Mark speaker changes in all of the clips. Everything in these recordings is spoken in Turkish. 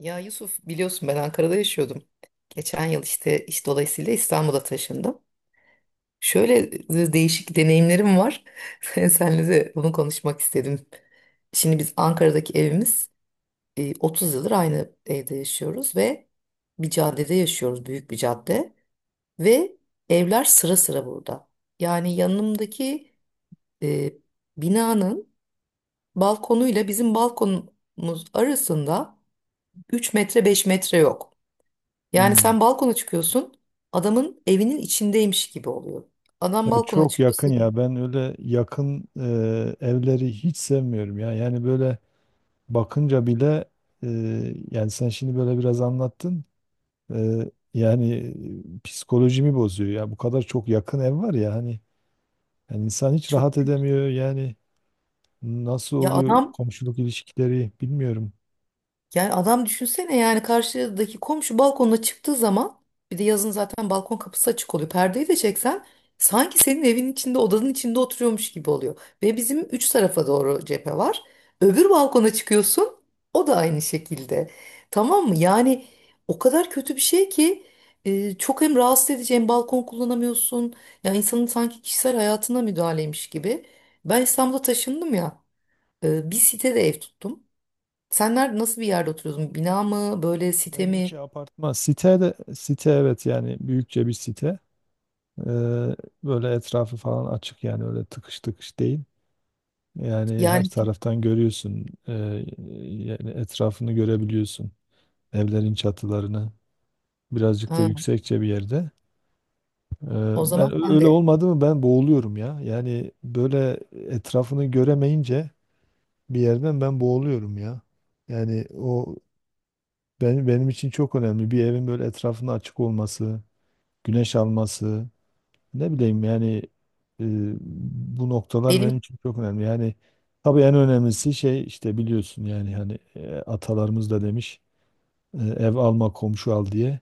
Speaker 1: Ya Yusuf biliyorsun ben Ankara'da yaşıyordum. Geçen yıl işte iş dolayısıyla İstanbul'a taşındım. Şöyle değişik deneyimlerim var. Seninle de bunu konuşmak istedim. Şimdi biz Ankara'daki evimiz, 30 yıldır aynı evde yaşıyoruz ve bir caddede yaşıyoruz, büyük bir cadde. Ve evler sıra sıra burada. Yani yanımdaki e, binanın balkonuyla bizim balkonumuz arasında 3 metre 5 metre yok. Yani
Speaker 2: Hmm.
Speaker 1: sen balkona çıkıyorsun, adamın evinin içindeymiş gibi oluyor. Adam
Speaker 2: Ya
Speaker 1: balkona
Speaker 2: çok
Speaker 1: çıkıyor,
Speaker 2: yakın ya,
Speaker 1: senin.
Speaker 2: ben öyle yakın evleri hiç sevmiyorum ya. Yani böyle bakınca bile, e, yani sen şimdi böyle biraz anlattın. Yani psikolojimi bozuyor ya, bu kadar çok yakın ev var ya, hani yani insan hiç
Speaker 1: Çok
Speaker 2: rahat
Speaker 1: kötü.
Speaker 2: edemiyor yani. Nasıl
Speaker 1: Ya
Speaker 2: oluyor
Speaker 1: adam
Speaker 2: komşuluk ilişkileri bilmiyorum.
Speaker 1: Yani adam düşünsene, yani karşıdaki komşu balkonuna çıktığı zaman, bir de yazın zaten balkon kapısı açık oluyor. Perdeyi de çeksen sanki senin evin içinde, odanın içinde oturuyormuş gibi oluyor. Ve bizim üç tarafa doğru cephe var. Öbür balkona çıkıyorsun, o da aynı şekilde. Tamam mı? Yani o kadar kötü bir şey ki çok hem rahatsız edici hem balkon kullanamıyorsun. Ya insanın sanki kişisel hayatına müdahaleymiş gibi. Ben İstanbul'a taşındım ya, bir sitede ev tuttum. Sen nerede, nasıl bir yerde oturuyordun? Bina mı, böyle site
Speaker 2: Benimki
Speaker 1: mi?
Speaker 2: apartman site, de site, evet yani büyükçe bir site. E, Böyle etrafı falan açık, yani öyle tıkış tıkış değil. Yani her
Speaker 1: Yani si,
Speaker 2: taraftan görüyorsun. Yani etrafını görebiliyorsun. Evlerin çatılarını. Birazcık da
Speaker 1: ha,
Speaker 2: yüksekçe bir yerde.
Speaker 1: o
Speaker 2: Ee,
Speaker 1: zaman sen
Speaker 2: Öyle
Speaker 1: de
Speaker 2: olmadı mı ben boğuluyorum ya. Yani böyle etrafını göremeyince bir yerden ben boğuluyorum ya. Yani o benim için çok önemli. Bir evin böyle etrafının açık olması, güneş alması. Ne bileyim yani, e, bu noktalar benim
Speaker 1: benim
Speaker 2: için çok önemli. Yani tabii en önemlisi şey işte, biliyorsun yani hani, atalarımız da demiş e, ev alma komşu al diye.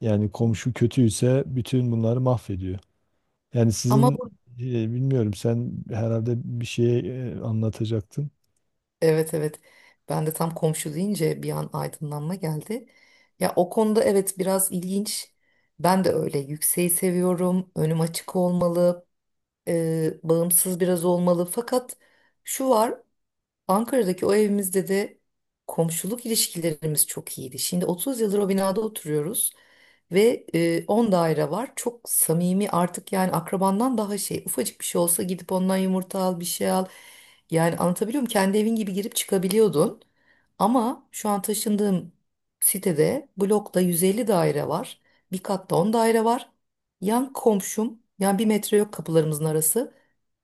Speaker 2: Yani komşu kötüyse bütün bunları mahvediyor. Yani
Speaker 1: ama
Speaker 2: sizin
Speaker 1: bu-
Speaker 2: e, bilmiyorum sen herhalde bir şey anlatacaktın.
Speaker 1: Evet evet, ben de tam komşu deyince bir an aydınlanma geldi. Ya o konuda evet biraz ilginç. Ben de öyle yükseği seviyorum. Önüm açık olmalı, bağımsız biraz olmalı. Fakat şu var. Ankara'daki o evimizde de komşuluk ilişkilerimiz çok iyiydi. Şimdi 30 yıldır o binada oturuyoruz ve 10 daire var. Çok samimi artık, yani akrabandan daha şey. Ufacık bir şey olsa gidip ondan yumurta al, bir şey al. Yani anlatabiliyor muyum? Kendi evin gibi girip çıkabiliyordun. Ama şu an taşındığım sitede blokta 150 daire var. Bir katta 10 daire var. Yan komşum, yani 1 metre yok kapılarımızın arası.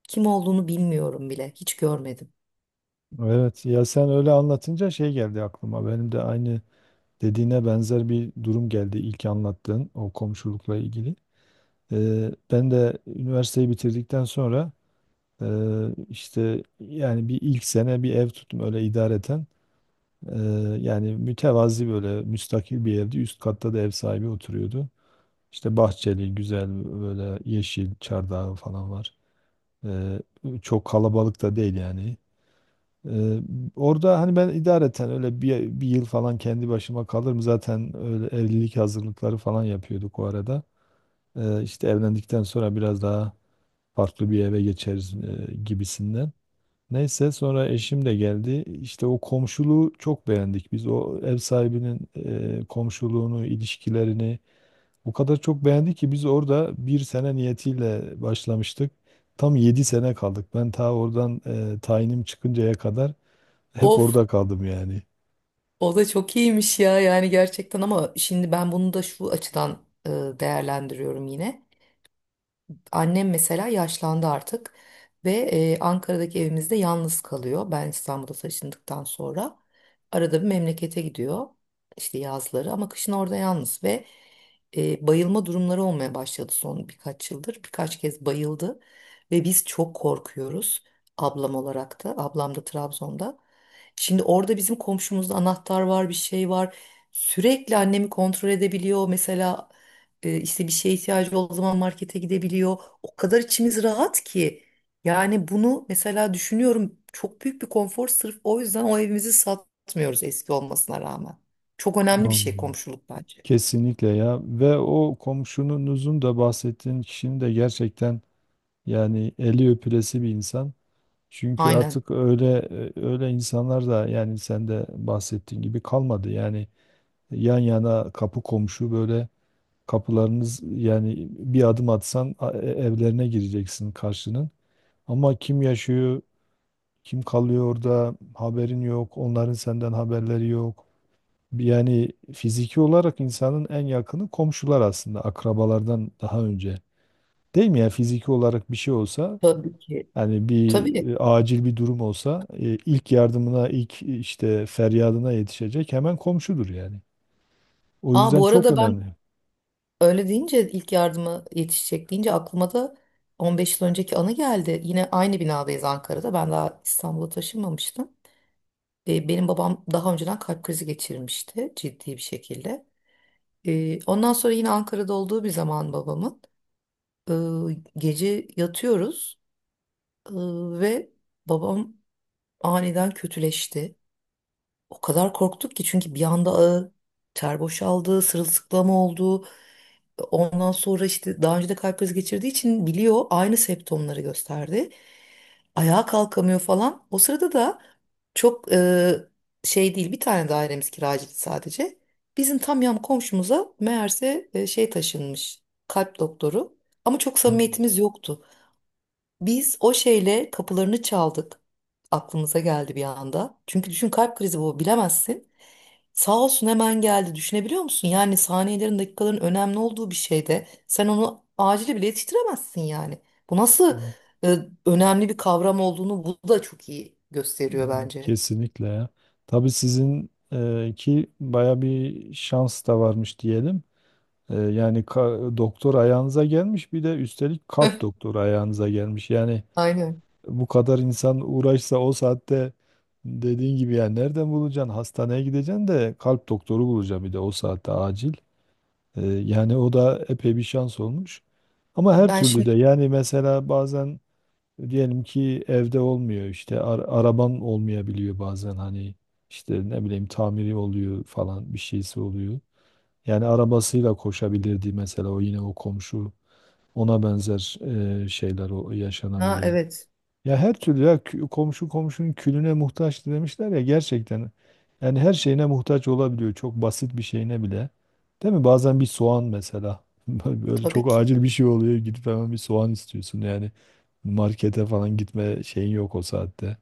Speaker 1: Kim olduğunu bilmiyorum bile. Hiç görmedim.
Speaker 2: Evet, ya sen öyle anlatınca şey geldi aklıma. Benim de aynı dediğine benzer bir durum geldi ilk anlattığın o komşulukla ilgili. Ben de üniversiteyi bitirdikten sonra, işte yani bir ilk sene bir ev tuttum öyle idareten. Eee, Yani mütevazi böyle müstakil bir evdi. Üst katta da ev sahibi oturuyordu. İşte bahçeli, güzel böyle yeşil çardağı falan var. Eee, Çok kalabalık da değil yani. Eee, Orada hani ben idareten öyle bir yıl falan kendi başıma kalırım. Zaten öyle evlilik hazırlıkları falan yapıyorduk o arada. İşte evlendikten sonra biraz daha farklı bir eve geçeriz, gibisinden. Neyse sonra eşim de geldi. İşte o komşuluğu çok beğendik. Biz o ev sahibinin komşuluğunu, ilişkilerini o kadar çok beğendik ki, biz orada bir sene niyetiyle başlamıştık. Tam yedi sene kaldık. Ben ta oradan tayinim çıkıncaya kadar hep
Speaker 1: Of.
Speaker 2: orada kaldım yani.
Speaker 1: O da çok iyiymiş ya, yani gerçekten. Ama şimdi ben bunu da şu açıdan e, değerlendiriyorum yine. Annem mesela yaşlandı artık ve Ankara'daki evimizde yalnız kalıyor. Ben İstanbul'a taşındıktan sonra arada bir memlekete gidiyor işte yazları, ama kışın orada yalnız ve bayılma durumları olmaya başladı son birkaç yıldır. Birkaç kez bayıldı ve biz çok korkuyoruz, ablam olarak da, ablam da Trabzon'da. Şimdi orada bizim komşumuzda anahtar var, bir şey var, sürekli annemi kontrol edebiliyor mesela. İşte bir şeye ihtiyacı olduğu zaman markete gidebiliyor, o kadar içimiz rahat ki. Yani bunu mesela düşünüyorum, çok büyük bir konfor. Sırf o yüzden o evimizi satmıyoruz eski olmasına rağmen. Çok önemli bir şey
Speaker 2: Anladım.
Speaker 1: komşuluk bence.
Speaker 2: Kesinlikle ya, ve o komşununuzun da, bahsettiğin kişinin de gerçekten yani eli öpülesi bir insan. Çünkü
Speaker 1: Aynen.
Speaker 2: artık öyle, öyle insanlar da, yani sen de bahsettiğin gibi, kalmadı. Yani yan yana kapı komşu, böyle kapılarınız, yani bir adım atsan evlerine gireceksin karşının. Ama kim yaşıyor, kim kalıyor orada haberin yok, onların senden haberleri yok. Yani fiziki olarak insanın en yakını komşular, aslında akrabalardan daha önce. Değil mi ya, fiziki olarak bir şey olsa,
Speaker 1: Tabii ki.
Speaker 2: hani bir
Speaker 1: Tabii.
Speaker 2: acil bir durum olsa, ilk yardımına, ilk işte feryadına yetişecek hemen komşudur yani. O
Speaker 1: Aa,
Speaker 2: yüzden
Speaker 1: bu
Speaker 2: çok
Speaker 1: arada ben
Speaker 2: önemli.
Speaker 1: öyle deyince, ilk yardıma yetişecek deyince, aklıma da 15 yıl önceki anı geldi. Yine aynı binadayız Ankara'da. Ben daha İstanbul'a taşınmamıştım. Benim babam daha önceden kalp krizi geçirmişti ciddi bir şekilde. Ondan sonra yine Ankara'da olduğu bir zaman babamın. Gece yatıyoruz ee, ve babam aniden kötüleşti. O kadar korktuk ki, çünkü bir anda ağır ter boşaldı, sırılsıklam oldu. Ondan sonra işte daha önce de kalp krizi geçirdiği için biliyor, aynı semptomları gösterdi. Ayağa kalkamıyor falan. O sırada da çok e, şey değil bir tane dairemiz kiracıydı sadece. Bizim tam yan komşumuza meğerse taşınmış kalp doktoru, ama çok
Speaker 2: Hmm.
Speaker 1: samimiyetimiz yoktu. Biz o şeyle kapılarını çaldık. Aklımıza geldi bir anda. Çünkü düşün, kalp krizi bu, bilemezsin. Sağ olsun hemen geldi. Düşünebiliyor musun? Yani saniyelerin, dakikaların önemli olduğu bir şeyde sen onu acili bile yetiştiremezsin yani. Bu nasıl
Speaker 2: Evet,
Speaker 1: e, önemli bir kavram olduğunu bu da çok iyi gösteriyor
Speaker 2: evet,
Speaker 1: bence.
Speaker 2: kesinlikle ya. Tabii sizin, ki baya bir şans da varmış diyelim. E, yani doktor ayağınıza gelmiş, bir de üstelik kalp doktoru ayağınıza gelmiş. Yani
Speaker 1: Aynen.
Speaker 2: bu kadar insan uğraşsa o saatte, dediğin gibi yani nereden bulacaksın? Hastaneye gideceksin de kalp doktoru bulacaksın bir de o saatte, acil. Yani o da epey bir şans olmuş. Ama her
Speaker 1: Ben
Speaker 2: türlü de
Speaker 1: şimdi
Speaker 2: yani, mesela bazen diyelim ki evde olmuyor, işte araban olmayabiliyor bazen, hani işte ne bileyim tamiri oluyor falan, bir şeysi oluyor. Yani arabasıyla koşabilirdi mesela o, yine o komşu. Ona benzer şeyler o
Speaker 1: ha
Speaker 2: yaşanabiliyor.
Speaker 1: evet
Speaker 2: Ya her türlü ya, komşu komşunun külüne muhtaç demişler ya, gerçekten. Yani her şeyine muhtaç olabiliyor. Çok basit bir şeyine bile. Değil mi? Bazen bir soğan mesela. Böyle çok
Speaker 1: Tabii ki.
Speaker 2: acil bir şey oluyor. Gidip hemen bir soğan istiyorsun yani. Markete falan gitme şeyin yok o saatte.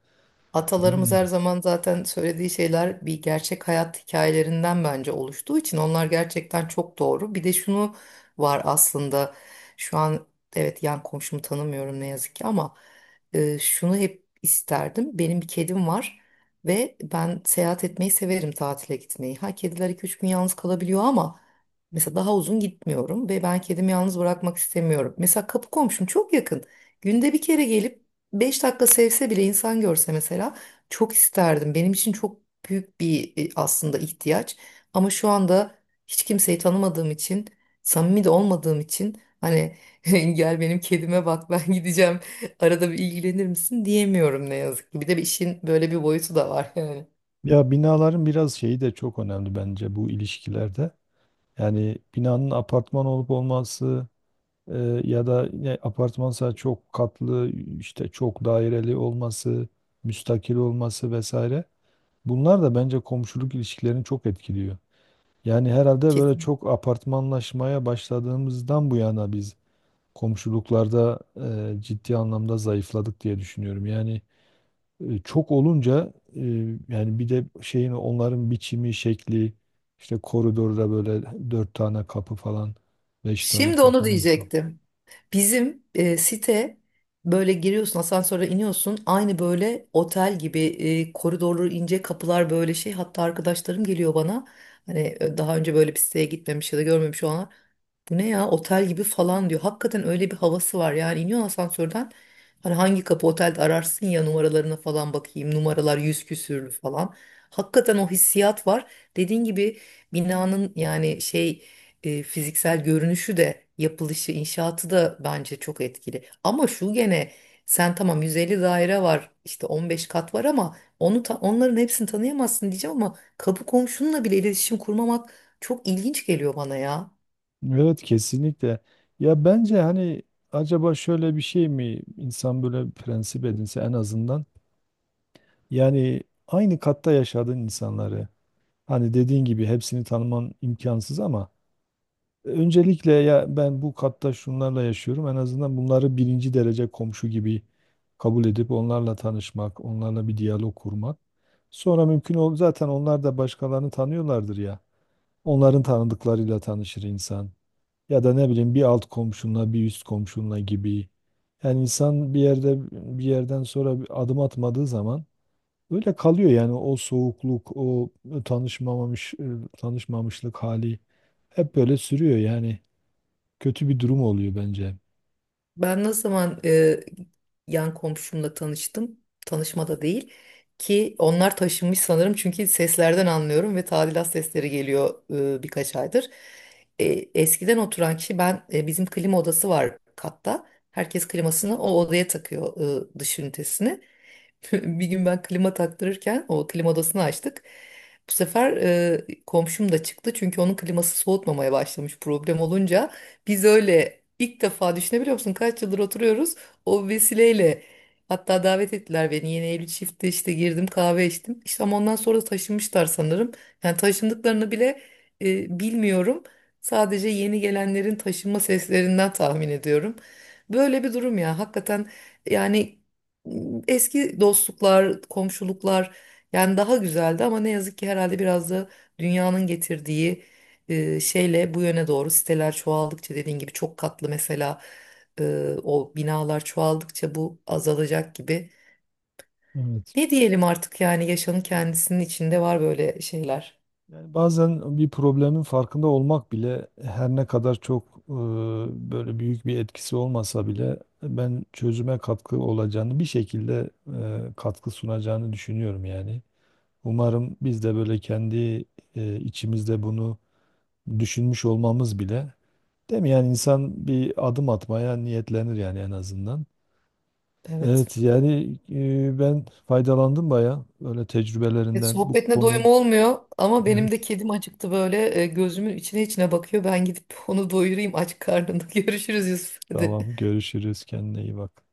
Speaker 2: Ne
Speaker 1: Atalarımız her
Speaker 2: bileyim.
Speaker 1: zaman zaten söylediği şeyler, bir gerçek hayat hikayelerinden bence oluştuğu için onlar gerçekten çok doğru. Bir de şunu var aslında şu an. Evet, yan komşumu tanımıyorum ne yazık ki, ama şunu hep isterdim. Benim bir kedim var ve ben seyahat etmeyi severim, tatile gitmeyi. Ha, kediler 2-3 gün yalnız kalabiliyor ama mesela daha uzun gitmiyorum ve ben kedimi yalnız bırakmak istemiyorum. Mesela kapı komşum çok yakın. Günde bir kere gelip 5 dakika sevse bile, insan görse mesela, çok isterdim. Benim için çok büyük bir aslında ihtiyaç. Ama şu anda hiç kimseyi tanımadığım için, samimi de olmadığım için, hani gel benim kedime bak, ben gideceğim, arada bir ilgilenir misin diyemiyorum ne yazık ki. Bir de bir işin böyle bir boyutu da var yani.
Speaker 2: Ya binaların biraz şeyi de çok önemli bence bu ilişkilerde. Yani binanın apartman olup olması, ya da yine apartmansa çok katlı, işte çok daireli olması, müstakil olması vesaire. Bunlar da bence komşuluk ilişkilerini çok etkiliyor. Yani herhalde böyle
Speaker 1: Kesin.
Speaker 2: çok apartmanlaşmaya başladığımızdan bu yana biz komşuluklarda ciddi anlamda zayıfladık diye düşünüyorum. Yani çok olunca, yani bir de şeyin, onların biçimi, şekli, işte koridorda böyle dört tane kapı falan, beş tane
Speaker 1: Şimdi onu
Speaker 2: kapı, neyse.
Speaker 1: diyecektim. Bizim site, böyle giriyorsun asansöre, iniyorsun aynı böyle otel gibi, koridorları ince kapılar böyle şey, hatta arkadaşlarım geliyor bana, hani daha önce böyle bir siteye gitmemiş ya da görmemiş olanlar, bu ne ya, otel gibi falan diyor. Hakikaten öyle bir havası var yani, iniyorsun asansörden, hani hangi kapı otelde ararsın ya, numaralarına falan bakayım, numaralar yüz küsürlü falan. Hakikaten o hissiyat var. Dediğin gibi binanın yani şey, fiziksel görünüşü de, yapılışı, inşaatı da bence çok etkili. Ama şu gene, sen tamam 150 daire var, işte 15 kat var ama onu onların hepsini tanıyamazsın diyeceğim, ama kapı komşunla bile iletişim kurmamak çok ilginç geliyor bana ya.
Speaker 2: Evet, kesinlikle. Ya bence hani, acaba şöyle bir şey mi, insan böyle bir prensip edinse en azından, yani aynı katta yaşadığın insanları, hani dediğin gibi hepsini tanıman imkansız ama, öncelikle ya ben bu katta şunlarla yaşıyorum, en azından bunları birinci derece komşu gibi kabul edip onlarla tanışmak, onlarla bir diyalog kurmak. Sonra mümkün ol, zaten onlar da başkalarını tanıyorlardır ya. Onların tanıdıklarıyla tanışır insan. Ya da ne bileyim, bir alt komşunla, bir üst komşunla gibi. Yani insan bir yerde, bir yerden sonra bir adım atmadığı zaman öyle kalıyor yani. O soğukluk, o tanışmamış tanışmamışlık hali hep böyle sürüyor yani. Kötü bir durum oluyor bence.
Speaker 1: Ben ne zaman yan komşumla tanıştım, tanışma da değil ki, onlar taşınmış sanırım çünkü seslerden anlıyorum ve tadilat sesleri geliyor birkaç aydır. E, Eskiden oturan kişi ben bizim klima odası var katta. Herkes klimasını o odaya takıyor, dış ünitesini. Bir gün ben klima taktırırken o klima odasını açtık. Bu sefer komşum da çıktı çünkü onun kliması soğutmamaya başlamış, problem olunca. Biz öyle ilk defa, düşünebiliyor musun, kaç yıldır oturuyoruz, o vesileyle. Hatta davet ettiler beni yeni evli çifte, işte girdim kahve içtim. İşte, ama ondan sonra da taşınmışlar sanırım. Yani taşındıklarını bile bilmiyorum. Sadece yeni gelenlerin taşınma seslerinden tahmin ediyorum. Böyle bir durum ya, hakikaten yani. Eski dostluklar, komşuluklar yani daha güzeldi, ama ne yazık ki herhalde biraz da dünyanın getirdiği şeyle bu yöne doğru, siteler çoğaldıkça, dediğin gibi çok katlı mesela, o binalar çoğaldıkça bu azalacak gibi.
Speaker 2: Evet.
Speaker 1: Ne diyelim artık yani, yaşamın kendisinin içinde var böyle şeyler.
Speaker 2: Yani bazen bir problemin farkında olmak bile, her ne kadar çok böyle büyük bir etkisi olmasa bile, ben çözüme katkı olacağını, bir şekilde katkı sunacağını düşünüyorum yani. Umarım biz de böyle kendi içimizde bunu düşünmüş olmamız bile, değil mi? Yani insan bir adım atmaya niyetlenir yani, en azından.
Speaker 1: Evet.
Speaker 2: Evet yani, ben faydalandım bayağı öyle
Speaker 1: Evet,
Speaker 2: tecrübelerinden bu
Speaker 1: sohbetine
Speaker 2: konuyu.
Speaker 1: doyum olmuyor ama benim de
Speaker 2: Evet.
Speaker 1: kedim acıktı, böyle gözümün içine içine bakıyor. Ben gidip onu doyurayım aç karnında. Görüşürüz Yusuf. Hadi.
Speaker 2: Tamam, görüşürüz, kendine iyi bak.